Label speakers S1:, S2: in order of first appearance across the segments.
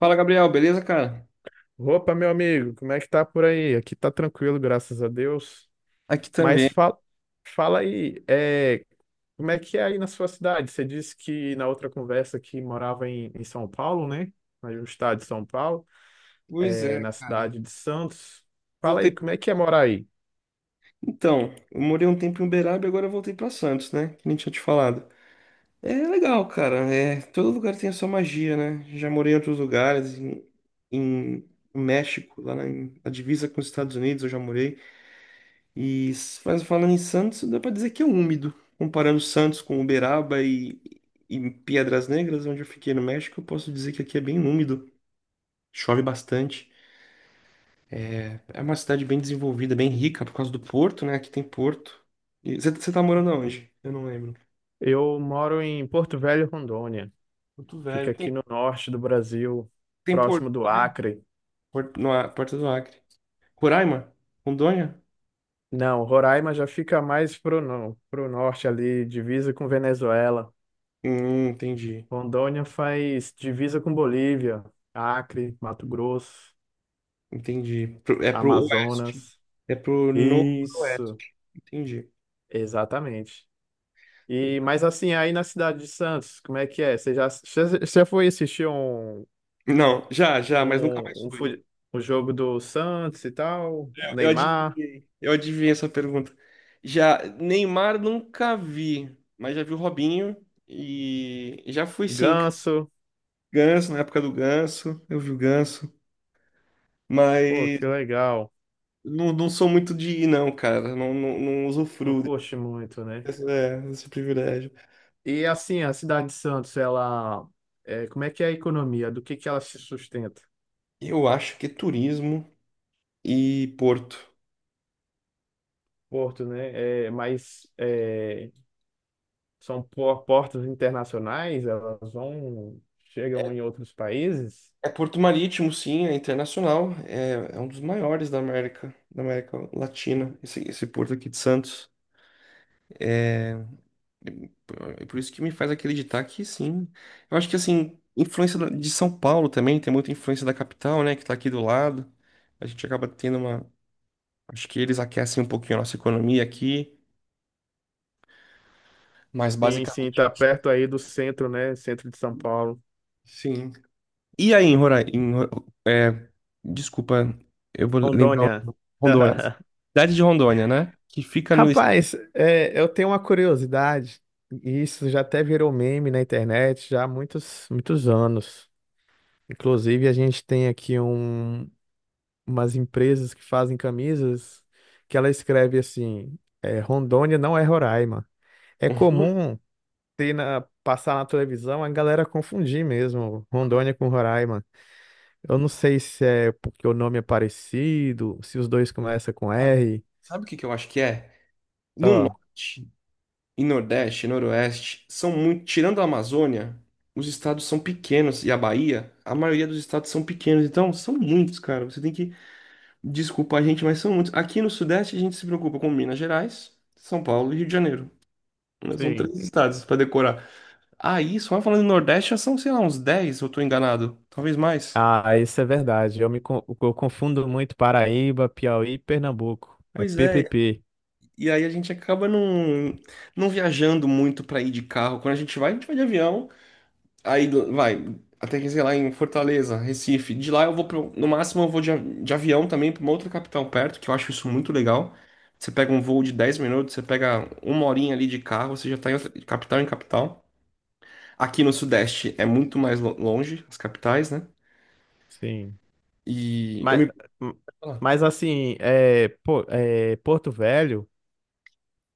S1: Fala, Gabriel, beleza, cara?
S2: Opa, meu amigo, como é que tá por aí? Aqui tá tranquilo, graças a Deus.
S1: Aqui
S2: Mas
S1: também.
S2: fala aí, como é que é aí na sua cidade? Você disse que na outra conversa que morava em São Paulo, né? Aí no estado de São Paulo,
S1: Pois é,
S2: na
S1: cara.
S2: cidade de Santos. Fala aí,
S1: Voltei.
S2: como é que é morar aí?
S1: Então, eu morei um tempo em Uberaba e agora eu voltei pra Santos, né? Que nem tinha te falado. É legal, cara. É, todo lugar tem a sua magia, né? Já morei em outros lugares, em no México, na divisa com os Estados Unidos, eu já morei. Mas falando em Santos, dá pra dizer que é úmido. Comparando Santos com Uberaba e Piedras Negras, onde eu fiquei no México, eu posso dizer que aqui é bem úmido. Chove bastante. É uma cidade bem desenvolvida, bem rica por causa do porto, né? Aqui tem porto. E você tá morando aonde? Eu não lembro.
S2: Eu moro em Porto Velho, Rondônia.
S1: Porto
S2: Fica
S1: Velho.
S2: aqui no norte do Brasil,
S1: Tem
S2: próximo
S1: porto
S2: do
S1: também?
S2: Acre.
S1: Porto, no, Porto do Acre. Roraima? Rondônia?
S2: Não, Roraima já fica mais pro, no, pro norte ali, divisa com Venezuela.
S1: Entendi.
S2: Rondônia faz divisa com Bolívia, Acre, Mato Grosso,
S1: Entendi. É pro oeste.
S2: Amazonas.
S1: É pro
S2: Isso,
S1: noroeste. Entendi.
S2: exatamente. E mas assim, aí na cidade de Santos, como é que é? Você já você você foi assistir
S1: Não, já, já, mas nunca mais
S2: um, um, fu-
S1: fui.
S2: um jogo do Santos e tal?
S1: Eu
S2: Neymar,
S1: adivinhei. Eu adivinhei essa pergunta. Já, Neymar nunca vi, mas já vi o Robinho e já fui sim.
S2: Ganso.
S1: Ganso, na época do Ganso, eu vi o Ganso,
S2: Pô, que
S1: mas
S2: legal.
S1: não, não sou muito de ir, não, cara. Não, não, não
S2: Não
S1: usufruo
S2: curte muito, né?
S1: desse privilégio.
S2: E assim, a cidade de Santos, ela como é que é a economia? Do que ela se sustenta?
S1: Eu acho que é turismo e porto.
S2: Porto, né? Mas são portas internacionais, elas vão, chegam em outros países.
S1: É porto marítimo, sim, é internacional. É, é um dos maiores da América Latina, esse porto aqui de Santos. E por É por isso que me faz acreditar que sim. Eu acho que, assim, de São Paulo também, tem muita influência da capital, né, que tá aqui do lado. A gente acaba tendo uma... Acho que eles aquecem um pouquinho a nossa economia aqui, mas
S2: Sim, sim,
S1: basicamente.
S2: tá perto aí do centro, né? Centro de São Paulo.
S1: Sim. E aí, em Roraima? Desculpa, eu vou lembrar o
S2: Rondônia.
S1: nome. Rondônia. Cidade de Rondônia, né? Que fica no. est-
S2: Rapaz, eu tenho uma curiosidade, e isso já até virou meme na internet já há muitos, muitos anos. Inclusive, a gente tem aqui umas empresas que fazem camisas que ela escreve assim: Rondônia não é Roraima. É
S1: Hum,
S2: comum passar na televisão, a galera confundir mesmo
S1: cara,
S2: Rondônia com Roraima. Eu não sei se é porque o nome é parecido, se os dois começam com R.
S1: sabe o que que eu acho que é? No
S2: Ó,
S1: norte e nordeste, noroeste, são muito. Tirando a Amazônia, os estados são pequenos. E a Bahia, a maioria dos estados são pequenos. Então, são muitos, cara. Você tem que Desculpa a gente, mas são muitos. Aqui no Sudeste a gente se preocupa com Minas Gerais, São Paulo e Rio de Janeiro. Mas são
S2: sim.
S1: três estados para decorar. Aí, só falando do Nordeste, já são, sei lá, uns dez, eu tô enganado. Talvez mais.
S2: Ah, isso é verdade. Eu confundo muito Paraíba, Piauí e Pernambuco. É
S1: Pois é,
S2: PPP.
S1: e aí a gente acaba não viajando muito para ir de carro. Quando a gente vai de avião. Aí vai, até que sei lá em Fortaleza, Recife. De lá eu vou pro, no máximo eu vou de avião também para uma outra capital perto, que eu acho isso muito legal. Você pega um voo de 10 minutos, você pega uma horinha ali de carro, você já tá de capital em capital. Aqui no Sudeste é muito mais longe, as capitais, né?
S2: Sim.
S1: E eu
S2: Mas,
S1: me... Ah,
S2: Mas assim, pô, Porto Velho,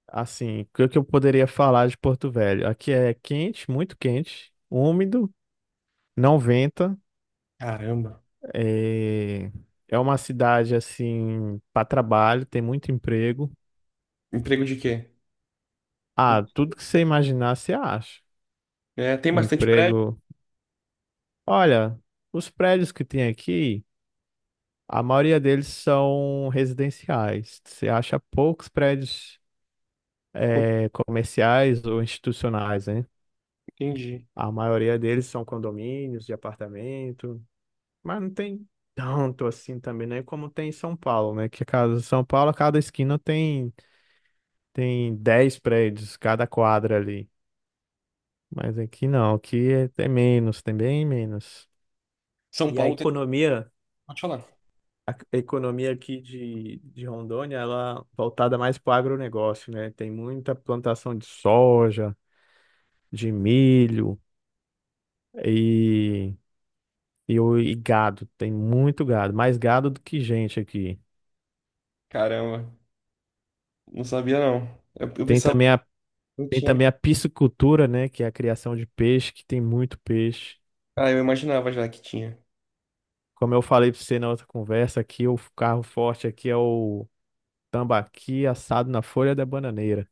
S2: assim, o que que eu poderia falar de Porto Velho? Aqui é quente, muito quente, úmido, não venta.
S1: caramba.
S2: É, é uma cidade assim para trabalho, tem muito emprego.
S1: Emprego de quê?
S2: Ah, tudo que você imaginar você acha.
S1: É, tem bastante prédio,
S2: Emprego. Olha, os prédios que tem aqui, a maioria deles são residenciais. Você acha poucos prédios
S1: como-
S2: comerciais ou institucionais, né?
S1: entendi.
S2: A maioria deles são condomínios de apartamento, mas não tem tanto assim também, né? Como tem em São Paulo, né? Que cada São Paulo, a cada esquina tem 10 prédios cada quadra ali. Mas aqui não, aqui tem menos, tem bem menos.
S1: São
S2: E a
S1: Paulo tem.
S2: economia,
S1: Pode falar.
S2: a economia aqui de Rondônia, ela é voltada mais para o agronegócio, né? Tem muita plantação de soja, de milho e, e gado. Tem muito gado, mais gado do que gente aqui.
S1: Caramba, não sabia, não. Eu
S2: Tem
S1: pensava que
S2: também a,
S1: não
S2: tem
S1: tinha.
S2: também
S1: Não.
S2: a piscicultura, né? Que é a criação de peixe, que tem muito peixe.
S1: Ah, eu imaginava já que tinha.
S2: Como eu falei pra você na outra conversa, aqui o carro forte aqui é o tambaqui assado na folha da bananeira.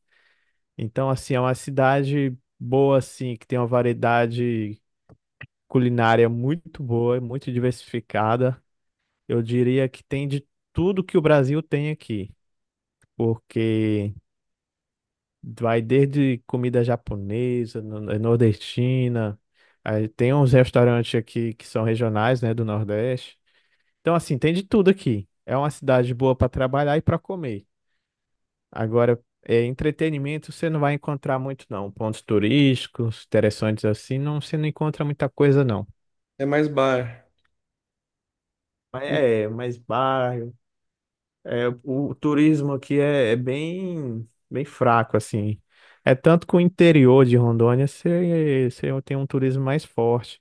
S2: Então, assim, é uma cidade boa, assim, que tem uma variedade culinária muito boa, muito diversificada. Eu diria que tem de tudo que o Brasil tem aqui, porque vai desde comida japonesa, nordestina, aí tem uns restaurantes aqui que são regionais, né, do Nordeste. Então, assim, tem de tudo aqui. É uma cidade boa para trabalhar e para comer. Agora, entretenimento você não vai encontrar muito, não. Pontos turísticos, interessantes assim, não, você não encontra muita coisa, não.
S1: É mais bar.
S2: Mas bairro. O turismo aqui é bem, bem fraco, assim. É tanto que o interior de Rondônia você tem um turismo mais forte.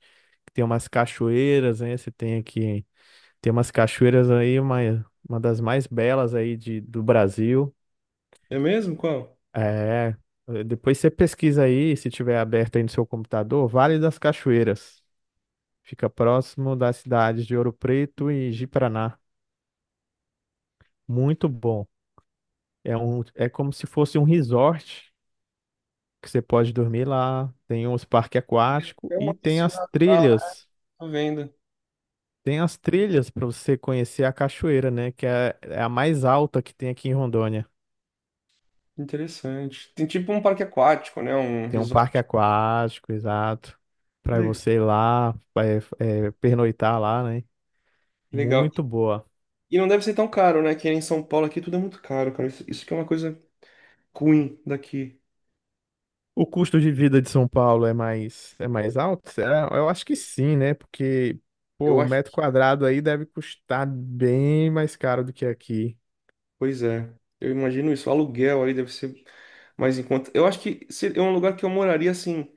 S2: Tem umas cachoeiras, né? Você tem aqui, tem umas cachoeiras aí, uma das mais belas aí do Brasil.
S1: É mesmo? Qual?
S2: É, Depois você pesquisa aí, se tiver aberto aí no seu computador, Vale das Cachoeiras. Fica próximo das cidades de Ouro Preto e Ji-Paraná. Muito bom. É como se fosse um resort que você pode dormir lá. Tem uns parques aquáticos
S1: É
S2: e
S1: uma
S2: tem
S1: piscina
S2: as
S1: natural, né?
S2: trilhas.
S1: Tô vendo.
S2: Tem as trilhas para você conhecer a cachoeira, né? Que é a mais alta que tem aqui em Rondônia.
S1: Interessante. Tem tipo um parque aquático, né? Um
S2: Tem um parque
S1: resort.
S2: aquático, exato. Para
S1: Le-
S2: você ir lá, pernoitar lá, né?
S1: Legal.
S2: Muito boa.
S1: E não deve ser tão caro, né? Que é em São Paulo aqui tudo é muito caro, cara. Isso que é uma coisa ruim daqui.
S2: O custo de vida de São Paulo é mais alto? Será? Eu acho que sim, né? Porque, pô,
S1: Eu
S2: um
S1: acho.
S2: metro quadrado aí deve custar bem mais caro do que aqui.
S1: Pois é. Eu imagino isso. O aluguel ali deve ser mais em conta. Eu acho que é um lugar que eu moraria assim.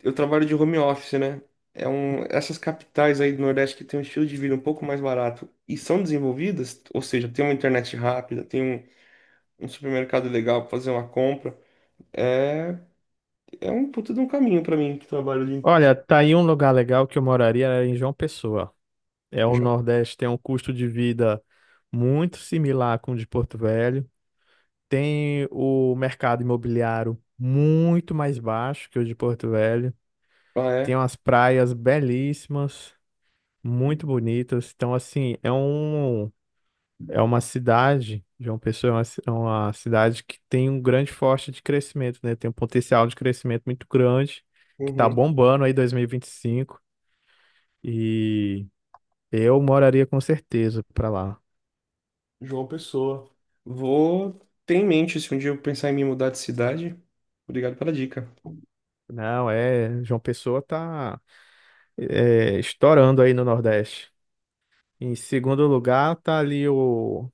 S1: Eu trabalho de home office, né? É um, essas capitais aí do Nordeste que tem um estilo de vida um pouco mais barato e são desenvolvidas, ou seja, tem uma internet rápida, tem um supermercado legal para fazer uma compra. É, é um puta de um caminho para mim que trabalho ali.
S2: Olha, tá aí um lugar legal que eu moraria era em João Pessoa. É o
S1: Em...
S2: Nordeste, tem um custo de vida muito similar com o de Porto Velho. Tem o mercado imobiliário muito mais baixo que o de Porto Velho.
S1: Ah,
S2: Tem
S1: é?
S2: umas praias belíssimas, muito bonitas. Então, assim, é uma cidade, João Pessoa é uma cidade que tem um grande forte de crescimento, né? Tem um potencial de crescimento muito grande, que tá
S1: Uhum.
S2: bombando aí 2025, e 25. E eu moraria com certeza para lá.
S1: João Pessoa. Vou ter em mente se um dia eu pensar em me mudar de cidade. Obrigado pela dica.
S2: Não, João Pessoa tá estourando aí no Nordeste. Em segundo lugar, tá ali o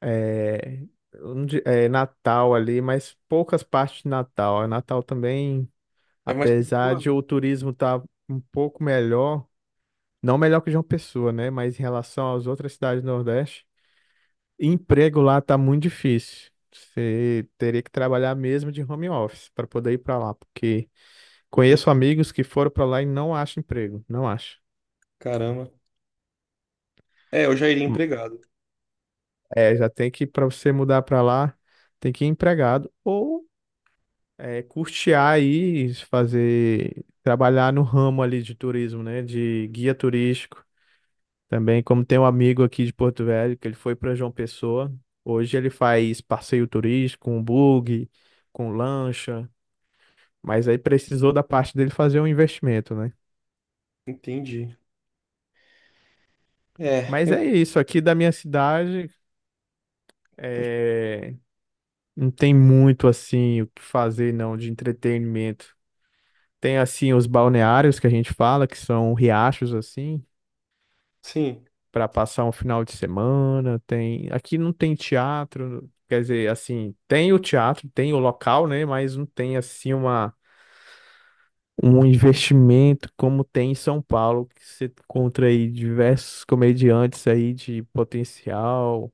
S2: é, onde- é, Natal ali, mas poucas partes de Natal. Natal também,
S1: É mais
S2: apesar
S1: perigoso.
S2: de o turismo tá um pouco melhor, não melhor que João Pessoa, né? Mas em relação às outras cidades do Nordeste, emprego lá tá muito difícil. Você teria que trabalhar mesmo de home office para poder ir para lá, porque
S1: Entendi.
S2: conheço amigos que foram para lá e não acham emprego, não acham.
S1: Caramba. É, eu já iria
S2: Hum,
S1: empregado.
S2: Já tem que, para você mudar para lá, tem que ir empregado ou custear aí, fazer, trabalhar no ramo ali de turismo, né? De guia turístico. Também, como tem um amigo aqui de Porto Velho, que ele foi para João Pessoa, hoje ele faz passeio turístico, com bug, com lancha, mas aí precisou da parte dele fazer um investimento, né?
S1: Entendi. É,
S2: Mas
S1: eu,
S2: é isso, aqui da minha cidade é... não tem muito assim o que fazer não de entretenimento. Tem assim os balneários que a gente fala, que são riachos assim,
S1: sim.
S2: para passar um final de semana, tem, aqui não tem teatro, quer dizer, assim, tem o teatro, tem o local, né, mas não tem assim uma um investimento como tem em São Paulo, que você encontra aí diversos comediantes aí de potencial,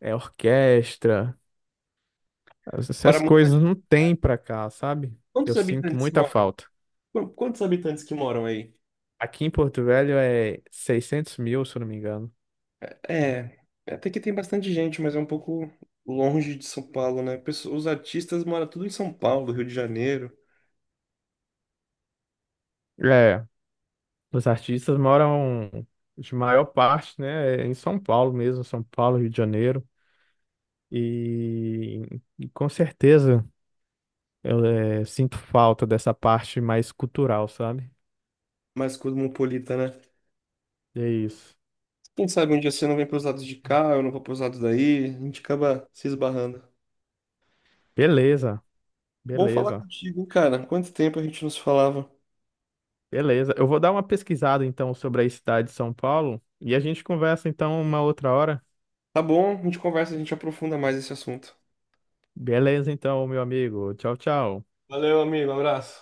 S2: orquestra, essas
S1: Para
S2: essas
S1: muita...
S2: coisas não tem pra cá, sabe?
S1: Quantos
S2: Eu sinto
S1: habitantes
S2: muita
S1: moram?
S2: falta.
S1: Quantos habitantes que moram aí?
S2: Aqui em Porto Velho é 600.000, se eu não me engano.
S1: É, até que tem bastante gente, mas é um pouco longe de São Paulo, né? Os artistas moram tudo em São Paulo, Rio de Janeiro,
S2: É, os artistas moram, de maior parte, né, é em São Paulo mesmo, São Paulo, Rio de Janeiro. E, e com certeza eu sinto falta dessa parte mais cultural, sabe?
S1: mais cosmopolita, né?
S2: É isso.
S1: Quem sabe um dia você não vem pros lados de cá, eu não vou pros lados daí, a gente acaba se esbarrando.
S2: Beleza,
S1: Bom falar
S2: beleza,
S1: contigo, cara. Quanto tempo a gente não se falava?
S2: beleza. Eu vou dar uma pesquisada então sobre a cidade de São Paulo e a gente conversa então uma outra hora.
S1: Tá bom, a gente conversa, a gente aprofunda mais esse assunto.
S2: Beleza, então, meu amigo. Tchau, tchau.
S1: Valeu, amigo, abraço.